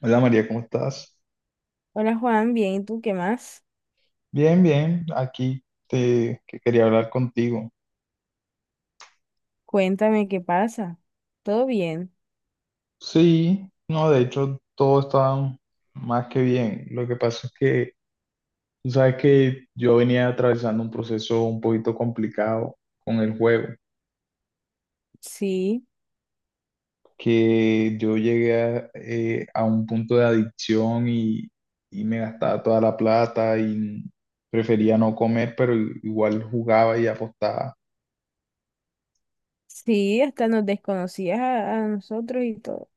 Hola María, ¿cómo estás? Hola Juan, bien, ¿y tú qué más? Bien, bien, aquí te que quería hablar contigo. Cuéntame qué pasa. ¿Todo bien? Sí, no, de hecho todo está más que bien. Lo que pasa es que tú sabes que yo venía atravesando un proceso un poquito complicado con el juego, Sí, que yo llegué a un punto de adicción y me gastaba toda la plata y prefería no comer, pero igual jugaba y apostaba. sí, hasta nos desconocías a nosotros y todo.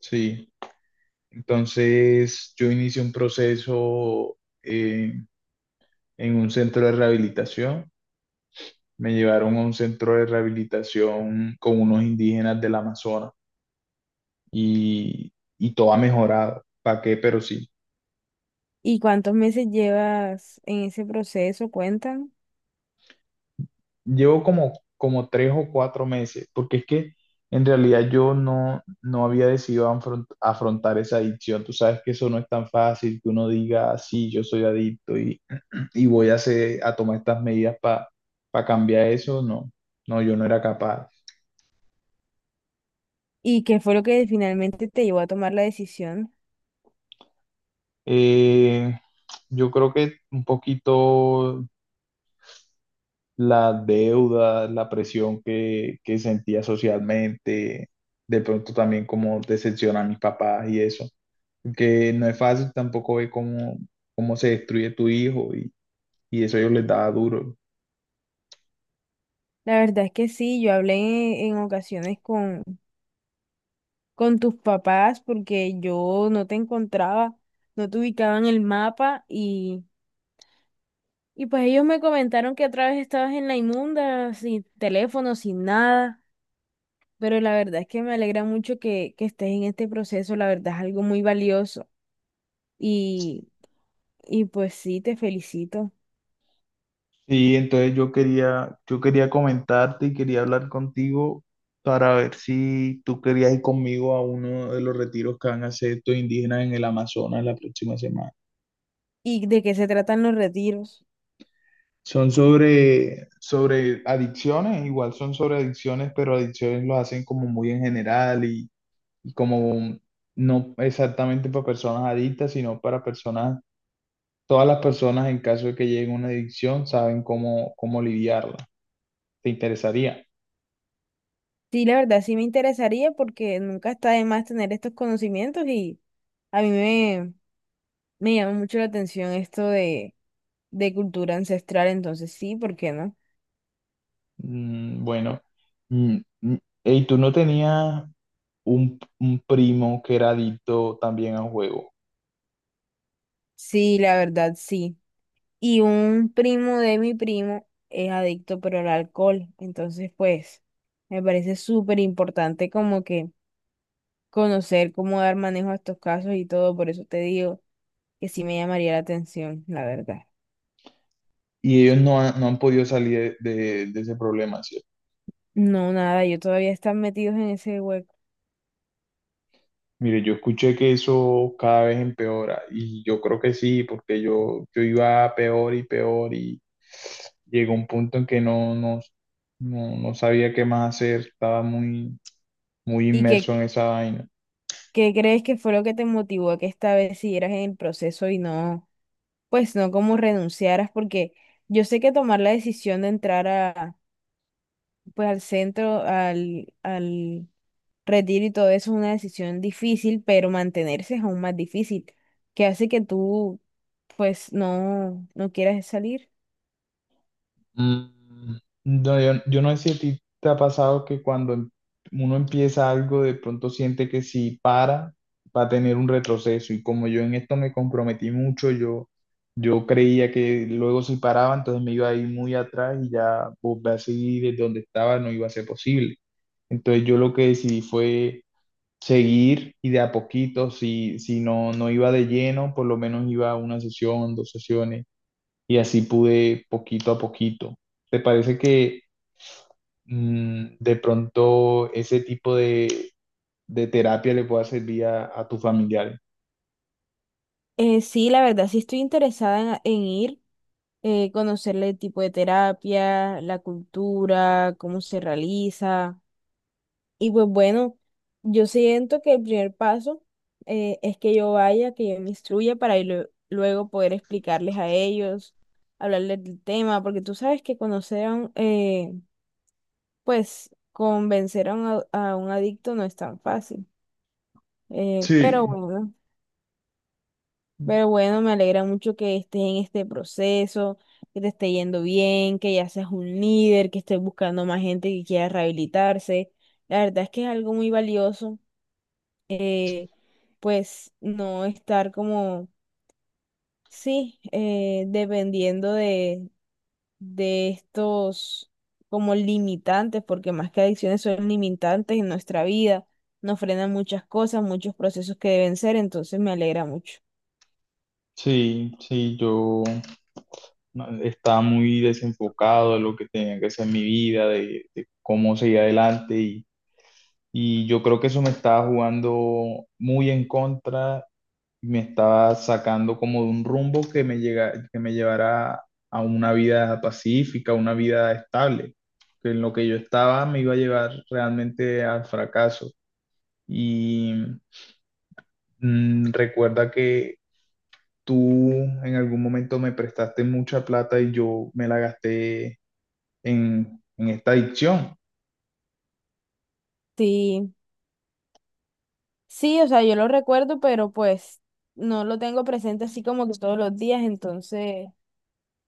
Sí. Entonces, yo inicié un proceso eh, en un centro de rehabilitación. Me llevaron a un centro de rehabilitación con unos indígenas del Amazonas y, y todo ha mejorado. ¿Para qué? Pero sí. ¿Y cuántos meses llevas en ese proceso? Cuentan. Llevo como 3 o 4 meses, porque es que en realidad yo no había decidido afrontar esa adicción. Tú sabes que eso no es tan fácil que uno diga: "Ah, sí, yo soy adicto y voy a tomar estas medidas para cambiar eso". No, no, yo no era capaz. ¿Y qué fue lo que finalmente te llevó a tomar la decisión? Eh, yo creo que un poquito la deuda, la presión que sentía socialmente, de pronto también como decepcionar a mis papás y eso, que no es fácil tampoco ver cómo se destruye tu hijo y eso yo les daba duro. La verdad es que sí, yo hablé en ocasiones con tus papás porque yo no te encontraba, no te ubicaba en el mapa. Y pues ellos me comentaron que otra vez estabas en la inmunda, sin teléfono, sin nada, pero la verdad es que me alegra mucho que estés en este proceso, la verdad es algo muy valioso y, y pues sí, te felicito. Sí, entonces yo quería comentarte y quería hablar contigo para ver si tú querías ir conmigo a uno de los retiros que van a hacer estos indígenas en el Amazonas la próxima semana. ¿Y de qué se tratan los retiros? Son sobre adicciones, igual son sobre adicciones, pero adicciones lo hacen como muy en general y como no exactamente para personas adictas, sino para personas, todas las personas en caso de que lleguen a una adicción saben cómo lidiarla. ¿Te interesaría? Sí, la verdad sí me interesaría porque nunca está de más tener estos conocimientos y a me llama mucho la atención esto de cultura ancestral, entonces sí, ¿por qué no? Bueno, mm, mm, ¿y tú no tenías un primo que era adicto también al juego? Sí, la verdad sí. Y un primo de mi primo es adicto pero al alcohol. Entonces, pues, me parece súper importante como que conocer cómo dar manejo a estos casos y todo. Por eso te digo que sí me llamaría la atención, la verdad. Y ellos no han podido salir de ese problema, ¿cierto? No, nada, yo todavía están metidos en ese hueco. Mire, yo escuché que eso cada vez empeora y yo creo que sí, porque yo iba peor y peor y llegó un punto en que no sabía qué más hacer, estaba muy, muy ¿Y inmerso qué, en esa vaina. qué crees que fue lo que te motivó a que esta vez siguieras en el proceso y no, pues no como renunciaras? Porque yo sé que tomar la decisión de entrar a pues al centro, al retiro y todo eso es una decisión difícil, pero mantenerse es aún más difícil, que hace que tú pues no quieras salir. Mm, No, yo no sé si a ti te ha pasado que cuando uno empieza algo, de pronto siente que si para, va a tener un retroceso. Y como yo en esto me comprometí mucho, yo creía que luego si paraba, entonces me iba a ir muy atrás y ya volver a seguir desde donde estaba no iba a ser posible. Entonces yo lo que decidí fue seguir y de a poquito, si no, iba de lleno, por lo menos iba a una sesión, dos sesiones y así pude poquito a poquito. ¿Te parece que de pronto ese tipo de terapia le pueda servir a tu familiar? Sí, la verdad, sí estoy interesada en ir, conocerle el tipo de terapia, la cultura, cómo se realiza. Y pues bueno, yo siento que el primer paso es que yo vaya, que yo me instruya para ir luego poder explicarles a ellos, hablarles del tema, porque tú sabes que conocer a un, pues convencer a un, a un adicto no es tan fácil. Eh, pero Sí, bueno, pero bueno, me alegra mucho que estés en este proceso, que te esté yendo bien, que ya seas un líder, que estés buscando más gente que quiera rehabilitarse. La verdad es que es algo muy valioso pues no estar como, sí, dependiendo de estos como limitantes, porque más que adicciones son limitantes en nuestra vida, nos frenan muchas cosas, muchos procesos que deben ser, entonces me alegra mucho. sí, sí, yo no, estaba muy desenfocado de lo que tenía que hacer en mi vida, de cómo seguir adelante y yo creo que eso me estaba jugando muy en contra, me estaba sacando como de un rumbo que me llevara a una vida pacífica, una vida estable, que en lo que yo estaba me iba a llevar realmente al fracaso. Y recuerda que tú en algún momento me prestaste mucha plata y yo me la gasté en esta adicción. Sí, sí, o sea, yo lo recuerdo, pero pues no lo tengo presente así como que todos los días, entonces,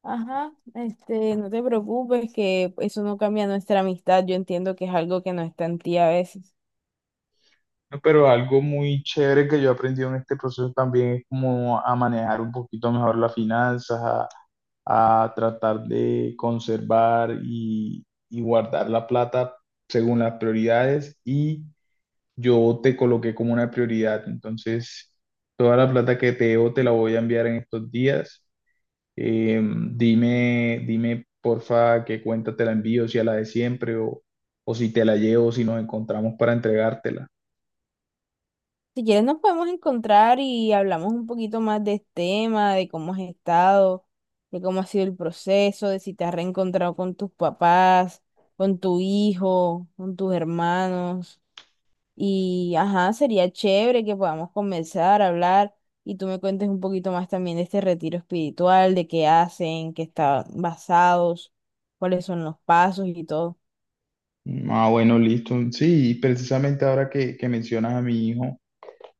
ajá, este, no te preocupes que eso no cambia nuestra amistad, yo entiendo que es algo que no está en ti a veces. Pero algo muy chévere que yo he aprendido en este proceso también es como a manejar un poquito mejor las finanzas, a tratar de conservar y guardar la plata según las prioridades y yo te coloqué como una prioridad. Entonces, toda la plata que te debo te la voy a enviar en estos días. Eh, Dime, dime, porfa, qué cuenta te la envío, si a la de siempre o si te la llevo, si nos encontramos para entregártela. Si quieres nos podemos encontrar y hablamos un poquito más de este tema, de cómo has estado, de cómo ha sido el proceso, de si te has reencontrado con tus papás, con tu hijo, con tus hermanos. Y ajá, sería chévere que podamos comenzar a hablar y tú me cuentes un poquito más también de este retiro espiritual, de qué hacen, qué están basados, cuáles son los pasos y todo. Ah, bueno, listo. Sí, precisamente ahora que mencionas a mi hijo.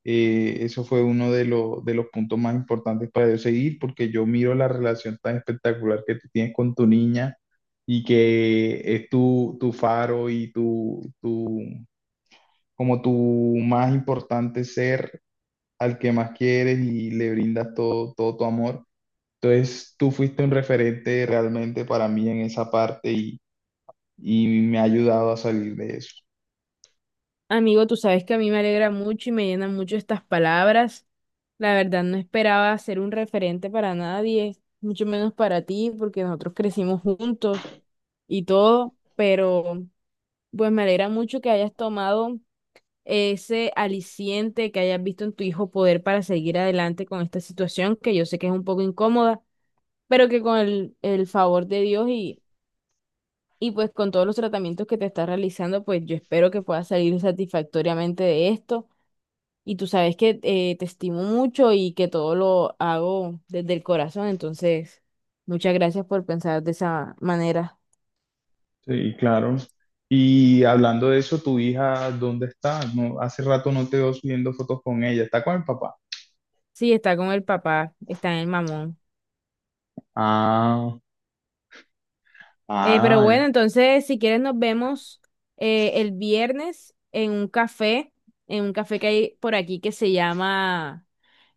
Eso fue uno de los puntos más importantes para yo seguir, porque yo miro la relación tan espectacular que tú tienes con tu niña y que es tu faro y como tu más importante ser al que más quieres y le brindas todo, todo tu amor. Entonces, tú fuiste un referente realmente para mí en esa parte y me ha ayudado a salir de eso. Amigo, tú sabes que a mí me alegra mucho y me llenan mucho estas palabras. La verdad, no esperaba ser un referente para nadie, mucho menos para ti, porque nosotros crecimos juntos y todo, pero pues me alegra mucho que hayas tomado ese aliciente que hayas visto en tu hijo poder para seguir adelante con esta situación, que yo sé que es un poco incómoda, pero que con el favor de Dios y pues con todos los tratamientos que te estás realizando, pues yo espero que puedas salir satisfactoriamente de esto. Y tú sabes que te estimo mucho y que todo lo hago desde el corazón, entonces muchas gracias por pensar de esa manera. Sí, claro. Y hablando de eso, ¿tu hija dónde está? No, hace rato no te veo subiendo fotos con ella. ¿Está con el papá? Sí, está con el papá, está en el mamón. Ah, Pero ah, ya. bueno, entonces si quieres nos vemos el viernes en un café que hay por aquí que se llama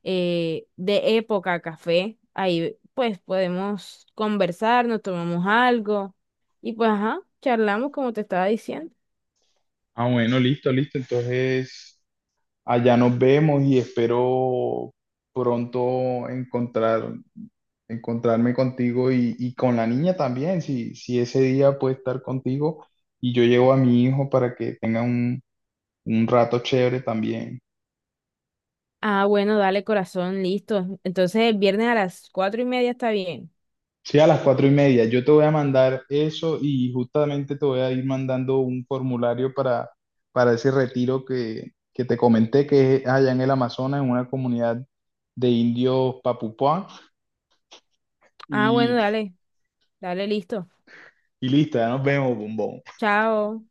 De Época Café. Ahí pues podemos conversar, nos tomamos algo y pues ajá, charlamos como te estaba diciendo. Ah, bueno, listo, listo. Entonces, allá nos vemos y espero pronto encontrarme contigo y con la niña también, si ese día puede estar contigo y yo llevo a mi hijo para que tenga un rato chévere también. Ah, bueno, dale, corazón, listo. Entonces el viernes a las 4:30 está bien. Sí, a las 4:30. Yo te voy a mandar eso y justamente te voy a ir mandando un formulario para ese retiro que te comenté, que es allá en el Amazonas, en una comunidad de indios Papupá. Ah, bueno, Y, dale, dale, listo. y listo, ya nos vemos, bombón. Chao.